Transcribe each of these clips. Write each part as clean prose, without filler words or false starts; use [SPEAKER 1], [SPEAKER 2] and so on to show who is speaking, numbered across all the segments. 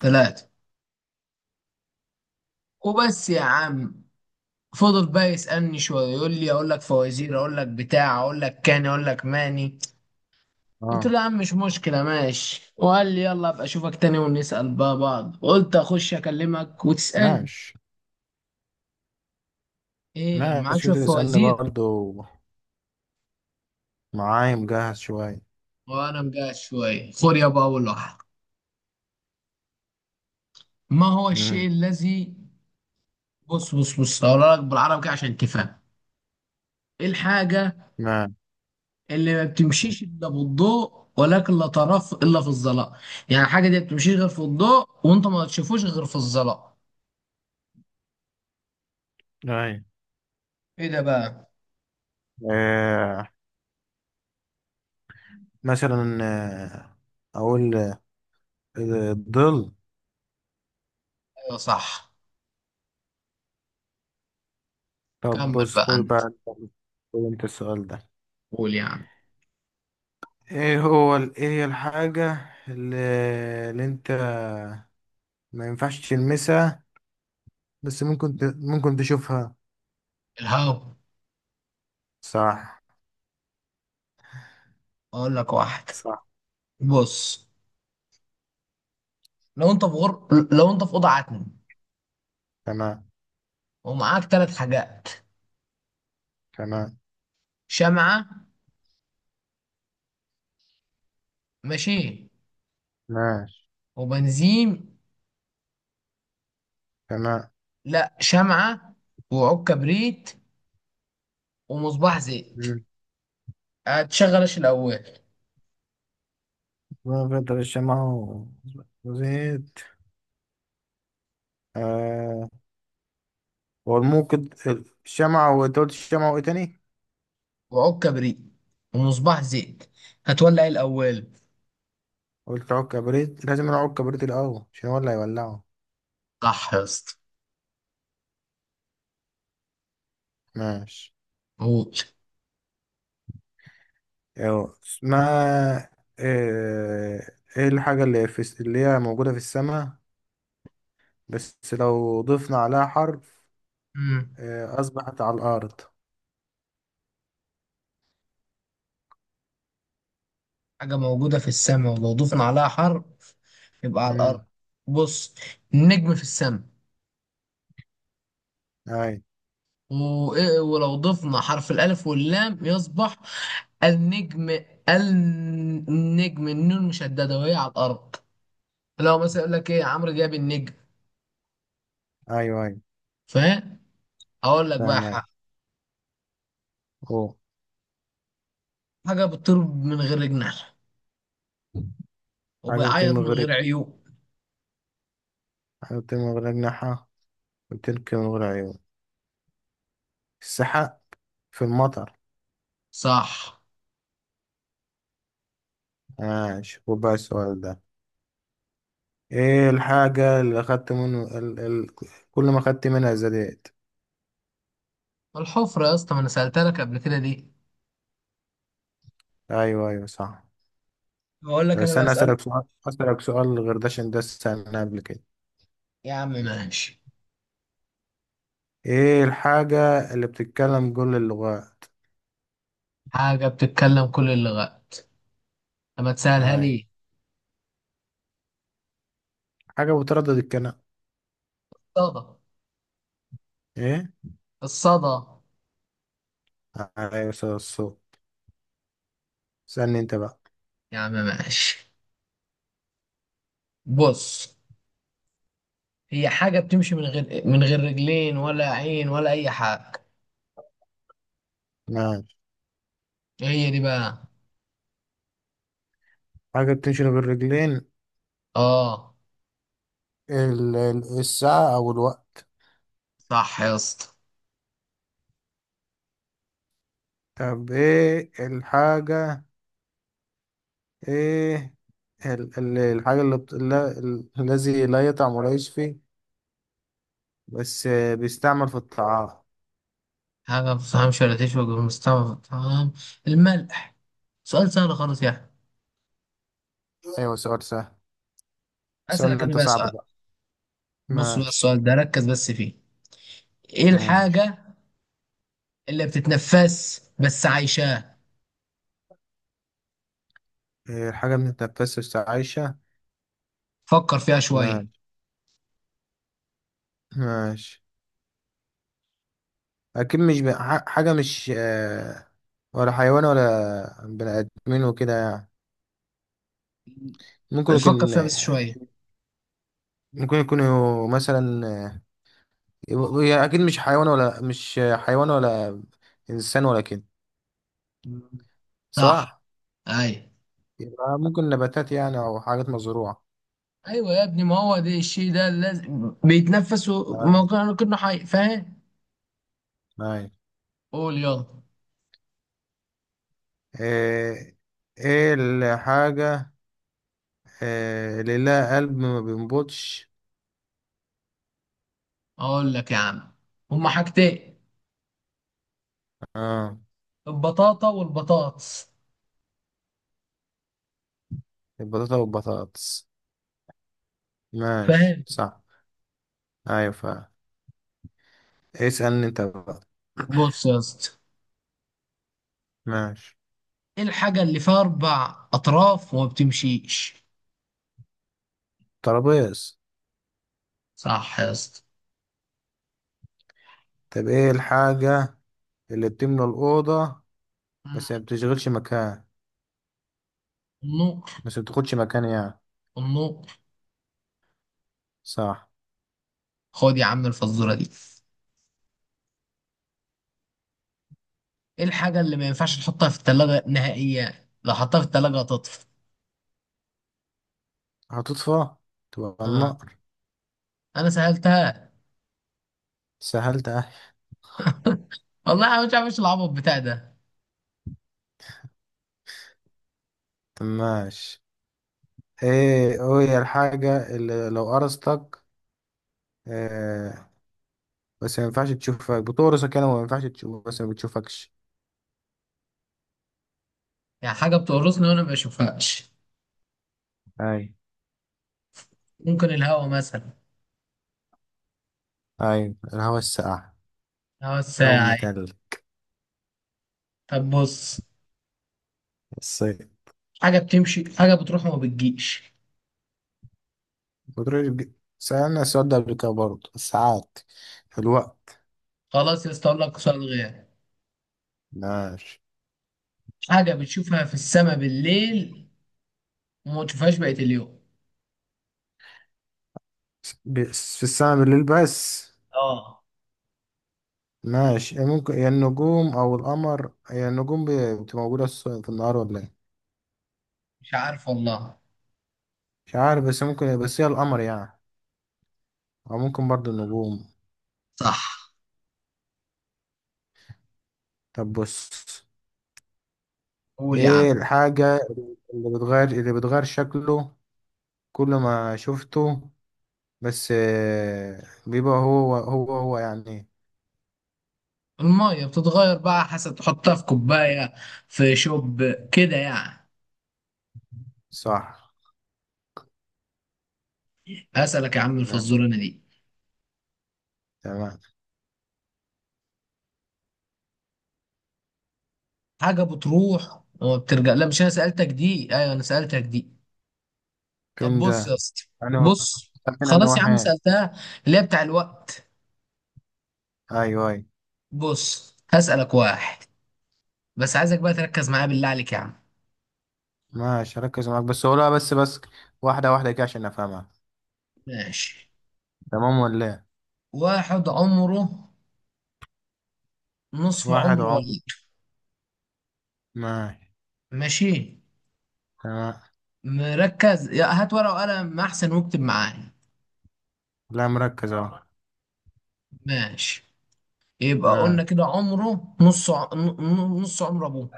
[SPEAKER 1] ثلاثة وبس يا عم. فضل بقى يسألني شوية، يقول لي أقول لك فوازير، أقول لك بتاع، أقول لك كاني، أقول لك ماني. قلت
[SPEAKER 2] اه.
[SPEAKER 1] له يا عم مش مشكلة ماشي، وقال لي يلا أبقى أشوفك تاني ونسأل بقى بعض. قلت أخش أكلمك وتسألني
[SPEAKER 2] ماشي
[SPEAKER 1] إيه، معاك
[SPEAKER 2] ماشي،
[SPEAKER 1] شوية
[SPEAKER 2] وده اسألني
[SPEAKER 1] فوازير؟
[SPEAKER 2] برضو. معايا مجهز شوية.
[SPEAKER 1] وأنا مجهز شوية، خد يابا أول واحد. ما هو الشيء
[SPEAKER 2] امم
[SPEAKER 1] الذي، بص بص بص هقولها لك بالعربي كده عشان تفهم. إيه الحاجة
[SPEAKER 2] ما
[SPEAKER 1] اللي ما بتمشيش الا بالضوء، ولكن لا تراه الا في الظلام؟ يعني الحاجه دي ما بتمشيش غير في الضوء، وانت ما تشوفوش غير في الظلام.
[SPEAKER 2] ايوه.
[SPEAKER 1] ايه ده بقى؟
[SPEAKER 2] آه. مثلا. أقول الظل.
[SPEAKER 1] ايوه صح.
[SPEAKER 2] طب،
[SPEAKER 1] كمل
[SPEAKER 2] بص،
[SPEAKER 1] بقى
[SPEAKER 2] خد
[SPEAKER 1] انت،
[SPEAKER 2] بقى انت. خد أنت السؤال ده.
[SPEAKER 1] قول يعني.
[SPEAKER 2] ايه هي الحاجة اللي, اللي انت ما ينفعش تلمسها، بس ممكن تشوفها.
[SPEAKER 1] الهوا.
[SPEAKER 2] صح.
[SPEAKER 1] اقول لك واحد،
[SPEAKER 2] صح.
[SPEAKER 1] بص، لو انت في غر... لو انت في اوضه عتم،
[SPEAKER 2] تمام.
[SPEAKER 1] ومعاك ثلاث حاجات:
[SPEAKER 2] تمام.
[SPEAKER 1] شمعه، ماشي،
[SPEAKER 2] ماشي.
[SPEAKER 1] وبنزين،
[SPEAKER 2] تمام.
[SPEAKER 1] لا شمعه، وعود كبريت، ومصباح زيت.
[SPEAKER 2] مم.
[SPEAKER 1] هتشغل ايش الاول؟
[SPEAKER 2] وفترة الشمع وزيت آه والموقد. الشمعة، وانت قلت الشمعة وايه تاني؟
[SPEAKER 1] وعود كبريت ومصباح زيت، هتولع إيه الأول؟
[SPEAKER 2] قلت عود كبريت. لازم نعود كبريت الأول عشان هو اللي هيولعه.
[SPEAKER 1] صح يا اسطى.
[SPEAKER 2] ماشي.
[SPEAKER 1] قول.
[SPEAKER 2] ايوه اسمها آه، ايه الحاجة اللي اللي هي موجودة في السماء، بس لو ضفنا عليها حرف
[SPEAKER 1] مم.
[SPEAKER 2] أصبحت على الأرض.
[SPEAKER 1] حاجة موجودة في السماء، ولو ضفنا عليها حرف يبقى على الأرض.
[SPEAKER 2] امم
[SPEAKER 1] بص، النجم في السماء،
[SPEAKER 2] أي.
[SPEAKER 1] وإيه ولو ضفنا حرف الألف واللام يصبح النجم. النجم النون مشددة، وهي على الأرض. لو مثلا يقول لك إيه، عمرو جاب النجم.
[SPEAKER 2] أيوه أيوه
[SPEAKER 1] فاهم؟ أقول لك بقى
[SPEAKER 2] فاهم أيوه.
[SPEAKER 1] حاجة،
[SPEAKER 2] أوه.
[SPEAKER 1] حاجة بتطير من غير جناح،
[SPEAKER 2] حاجة
[SPEAKER 1] وبيعيط
[SPEAKER 2] بتنمو من
[SPEAKER 1] من
[SPEAKER 2] غير
[SPEAKER 1] غير عيون.
[SPEAKER 2] حاجة بتنمو من غير أجنحة، وبتنكر من غير عيون. السحاب. في المطر.
[SPEAKER 1] صح.
[SPEAKER 2] ماشي، وبقى السؤال ده. ايه الحاجة اللي اخدت منه كل ما اخدت منها زادت.
[SPEAKER 1] الحفرة يا اسطى، ما انا سألتها لك قبل كده ليه؟
[SPEAKER 2] ايوه ايوه صح.
[SPEAKER 1] بقول
[SPEAKER 2] طب
[SPEAKER 1] لك انا
[SPEAKER 2] استنى،
[SPEAKER 1] بسأل.
[SPEAKER 2] اسألك سؤال غير ده عشان ده سألناه قبل كده.
[SPEAKER 1] يا عم ماشي.
[SPEAKER 2] ايه الحاجة اللي بتتكلم كل اللغات؟
[SPEAKER 1] حاجة بتتكلم كل اللغات، لما تسألها
[SPEAKER 2] اي.
[SPEAKER 1] لي.
[SPEAKER 2] حاجة بتردد الكلام.
[SPEAKER 1] الصدى.
[SPEAKER 2] ايه؟
[SPEAKER 1] الصدى.
[SPEAKER 2] ايوه صدى الصوت. استنى انت بقى.
[SPEAKER 1] يا عم ماشي، بص، هي حاجة بتمشي من غير رجلين ولا عين ولا أي حاجة.
[SPEAKER 2] ماشي.
[SPEAKER 1] إيه هي دي بقى؟
[SPEAKER 2] حاجة بتمشي بالرجلين.
[SPEAKER 1] اه،
[SPEAKER 2] الساعة او الوقت.
[SPEAKER 1] صح يا اسطى.
[SPEAKER 2] طب ايه الحاجة؟ ايه الحاجة اللي بت... لا... ال- الذي لا يطعم ولا يشفي، بس بيستعمل في الطعام.
[SPEAKER 1] حاجة ما بتفهمش ولا تشبك بالمستوى، تمام، الملح. سؤال سهل خالص يعني.
[SPEAKER 2] ايوه، سؤال سهل.
[SPEAKER 1] أسألك
[SPEAKER 2] سؤال
[SPEAKER 1] أنا
[SPEAKER 2] انت
[SPEAKER 1] بقى
[SPEAKER 2] صعب
[SPEAKER 1] سؤال،
[SPEAKER 2] بقى.
[SPEAKER 1] بص بقى
[SPEAKER 2] ماشي.
[SPEAKER 1] السؤال ده ركز بس فيه. إيه
[SPEAKER 2] ماشي.
[SPEAKER 1] الحاجة اللي بتتنفس بس عايشاه؟
[SPEAKER 2] الحاجة بنتنفسها بس عايشة.
[SPEAKER 1] فكر فيها شوية.
[SPEAKER 2] ماشي. ماشي. أكيد مش حاجة مش ولا حيوان ولا بني آدمين وكده يعني. ممكن
[SPEAKER 1] فكر
[SPEAKER 2] يكون
[SPEAKER 1] فيها بس شوية.
[SPEAKER 2] ممكن يكون مثلا هي أكيد مش حيوان، ولا مش حيوان، ولا إنسان ولا كده،
[SPEAKER 1] صح.
[SPEAKER 2] صح؟
[SPEAKER 1] اي.
[SPEAKER 2] يبقى ممكن نباتات يعني، أو حاجات مزروعة.
[SPEAKER 1] ايوه يا ابني، ما هو ده الشيء ده لازم بيتنفس وما
[SPEAKER 2] أيوة.
[SPEAKER 1] كان- كنا كنا حي، فاهم.
[SPEAKER 2] أيوة.
[SPEAKER 1] قول يلا.
[SPEAKER 2] ايه إيه الحاجة؟ إيه اللي لها قلب ما بينبضش؟
[SPEAKER 1] اقول لك يا عم، هما حاجتين:
[SPEAKER 2] اه،
[SPEAKER 1] البطاطا والبطاطس.
[SPEAKER 2] البطاطا والبطاطس. ماشي
[SPEAKER 1] فاهم.
[SPEAKER 2] صح. ايوه فعلا. اسألني انت بقى.
[SPEAKER 1] بص يا اسطى،
[SPEAKER 2] ماشي.
[SPEAKER 1] ايه الحاجة اللي فيها اربع اطراف وما بتمشيش؟
[SPEAKER 2] ترابيز.
[SPEAKER 1] صح يا اسطى.
[SPEAKER 2] طب ايه الحاجة اللي بتملى الأوضة، بس ما بتشغلش مكان،
[SPEAKER 1] النقر.
[SPEAKER 2] بس ما بتاخدش مكان يعني.
[SPEAKER 1] النقر.
[SPEAKER 2] صح.
[SPEAKER 1] خد يا عم الفزورة دي، ايه الحاجة اللي ما ينفعش تحطها في التلاجة نهائيا، لو حطها في التلاجة هتطفي؟
[SPEAKER 2] هتطفى. تبقى
[SPEAKER 1] اه،
[SPEAKER 2] النار.
[SPEAKER 1] انا سألتها.
[SPEAKER 2] سهلت اهي.
[SPEAKER 1] والله انا مش عارف ايش العبط بتاع ده.
[SPEAKER 2] طب ماشي. ايه هي الحاجة اللي لو قرصتك، بس ما ينفعش تشوفك بتقرصك يعني، وما ينفعش تشوف، بس ما بتشوفكش.
[SPEAKER 1] يعني حاجة بتقرصني وانا ما بشوفهاش،
[SPEAKER 2] اي.
[SPEAKER 1] ممكن الهوا مثلا.
[SPEAKER 2] أيوة الهوا الساقع.
[SPEAKER 1] هوا
[SPEAKER 2] هوا
[SPEAKER 1] الساعة إيه؟
[SPEAKER 2] المتلج.
[SPEAKER 1] طب بص،
[SPEAKER 2] الصيف.
[SPEAKER 1] حاجة بتمشي، حاجة بتروح وما بتجيش.
[SPEAKER 2] بتروح. سألنا السؤال ده قبل كده برضه، الساعات، الوقت.
[SPEAKER 1] خلاص يا اسطى اقول لك سؤال غير.
[SPEAKER 2] ماشي،
[SPEAKER 1] حاجة بتشوفها في السماء بالليل، وما تشوفهاش بقية اليوم.
[SPEAKER 2] بس في السماء بالليل بس.
[SPEAKER 1] اه.
[SPEAKER 2] ماشي، إيه ممكن؟ يا النجوم أو القمر؟ يا النجوم بتبقى موجودة في النهار ولا إيه؟
[SPEAKER 1] مش عارف والله.
[SPEAKER 2] مش عارف، بس ممكن، بس هي القمر يعني، أو ممكن برضه النجوم.
[SPEAKER 1] صح.
[SPEAKER 2] طب بص.
[SPEAKER 1] قول يا عم.
[SPEAKER 2] إيه الحاجة اللي بتغير شكله كل ما شفته، بس بيبقى هو هو هو يعني.
[SPEAKER 1] المية بتتغير بقى حسب، تحطها في كوباية، في شوب، كده يعني.
[SPEAKER 2] صح.
[SPEAKER 1] هسألك يا عم
[SPEAKER 2] نعم.
[SPEAKER 1] الفزورة أنا دي،
[SPEAKER 2] تمام.
[SPEAKER 1] حاجة بتروح وما بترجع. لا مش أنا سألتك دي، أيوة أنا سألتك دي. طب
[SPEAKER 2] كان
[SPEAKER 1] بص يا
[SPEAKER 2] ده
[SPEAKER 1] اسطى،
[SPEAKER 2] انا.
[SPEAKER 1] بص،
[SPEAKER 2] لكن انا
[SPEAKER 1] خلاص يا عم
[SPEAKER 2] واحد.
[SPEAKER 1] سألتها، اللي هي بتاع الوقت.
[SPEAKER 2] ايوه ايوه.
[SPEAKER 1] بص هسألك واحد، بس عايزك بقى تركز معايا بالله عليك يا عم.
[SPEAKER 2] ماشي، ركز معاك، بس قولها بس بس. واحدة واحدة كده عشان افهمها.
[SPEAKER 1] ماشي.
[SPEAKER 2] تمام ولا ايه؟
[SPEAKER 1] واحد عمره نصف
[SPEAKER 2] واحد
[SPEAKER 1] عمر
[SPEAKER 2] عمر.
[SPEAKER 1] والده،
[SPEAKER 2] ماشي.
[SPEAKER 1] ماشي،
[SPEAKER 2] تمام.
[SPEAKER 1] مركز يا، هات ورقة وقلم أحسن واكتب معايا.
[SPEAKER 2] لا، مركز اهو.
[SPEAKER 1] ماشي. يبقى
[SPEAKER 2] ماشي.
[SPEAKER 1] قلنا كده عمره نص عمر أبوه،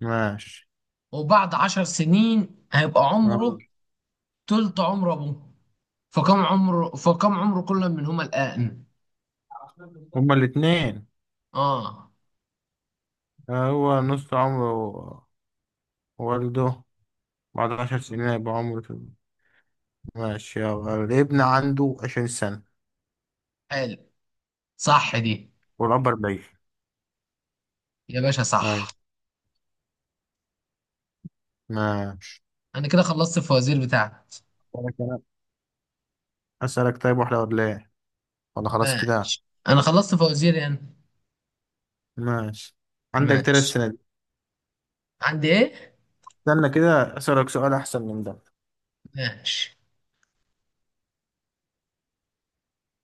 [SPEAKER 2] ماشي.
[SPEAKER 1] وبعد 10 سنين هيبقى عمره
[SPEAKER 2] آه.
[SPEAKER 1] تلت عمر أبوه. فكم عمره، فكم عمر كل منهما الآن؟
[SPEAKER 2] هما الاتنين.
[SPEAKER 1] آه
[SPEAKER 2] هو نص عمره والده. بعد 10 سنين هيبقى عمره. ماشي، يلا الابن عنده 20 سنة،
[SPEAKER 1] حلو، صح دي
[SPEAKER 2] والأب 40.
[SPEAKER 1] يا باشا، صح.
[SPEAKER 2] أيوة. ماشي.
[SPEAKER 1] أنا كده خلصت الفوازير بتاعتي.
[SPEAKER 2] أسألك أنا. أسألك، طيب واحدة ولا إيه؟ ولا خلاص كده.
[SPEAKER 1] ماشي، أنا خلصت فوازير يعني.
[SPEAKER 2] ماشي. عندك تلات
[SPEAKER 1] ماشي.
[SPEAKER 2] سنين
[SPEAKER 1] عندي إيه؟
[SPEAKER 2] استنى كده، أسألك سؤال أحسن من ده.
[SPEAKER 1] ماشي.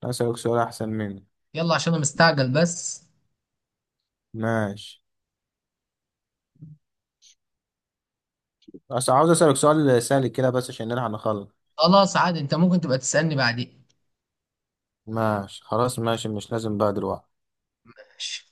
[SPEAKER 2] أسألك سؤال أحسن منه.
[SPEAKER 1] يلا عشان أنا مستعجل بس.
[SPEAKER 2] ماشي، بس عاوز أسألك سؤال سهل كده بس عشان نلحق نخلص.
[SPEAKER 1] خلاص عادي، أنت ممكن تبقى تسألني بعدين.
[SPEAKER 2] ماشي خلاص، ماشي، مش لازم بقى دلوقتي.
[SPEAKER 1] ماشي.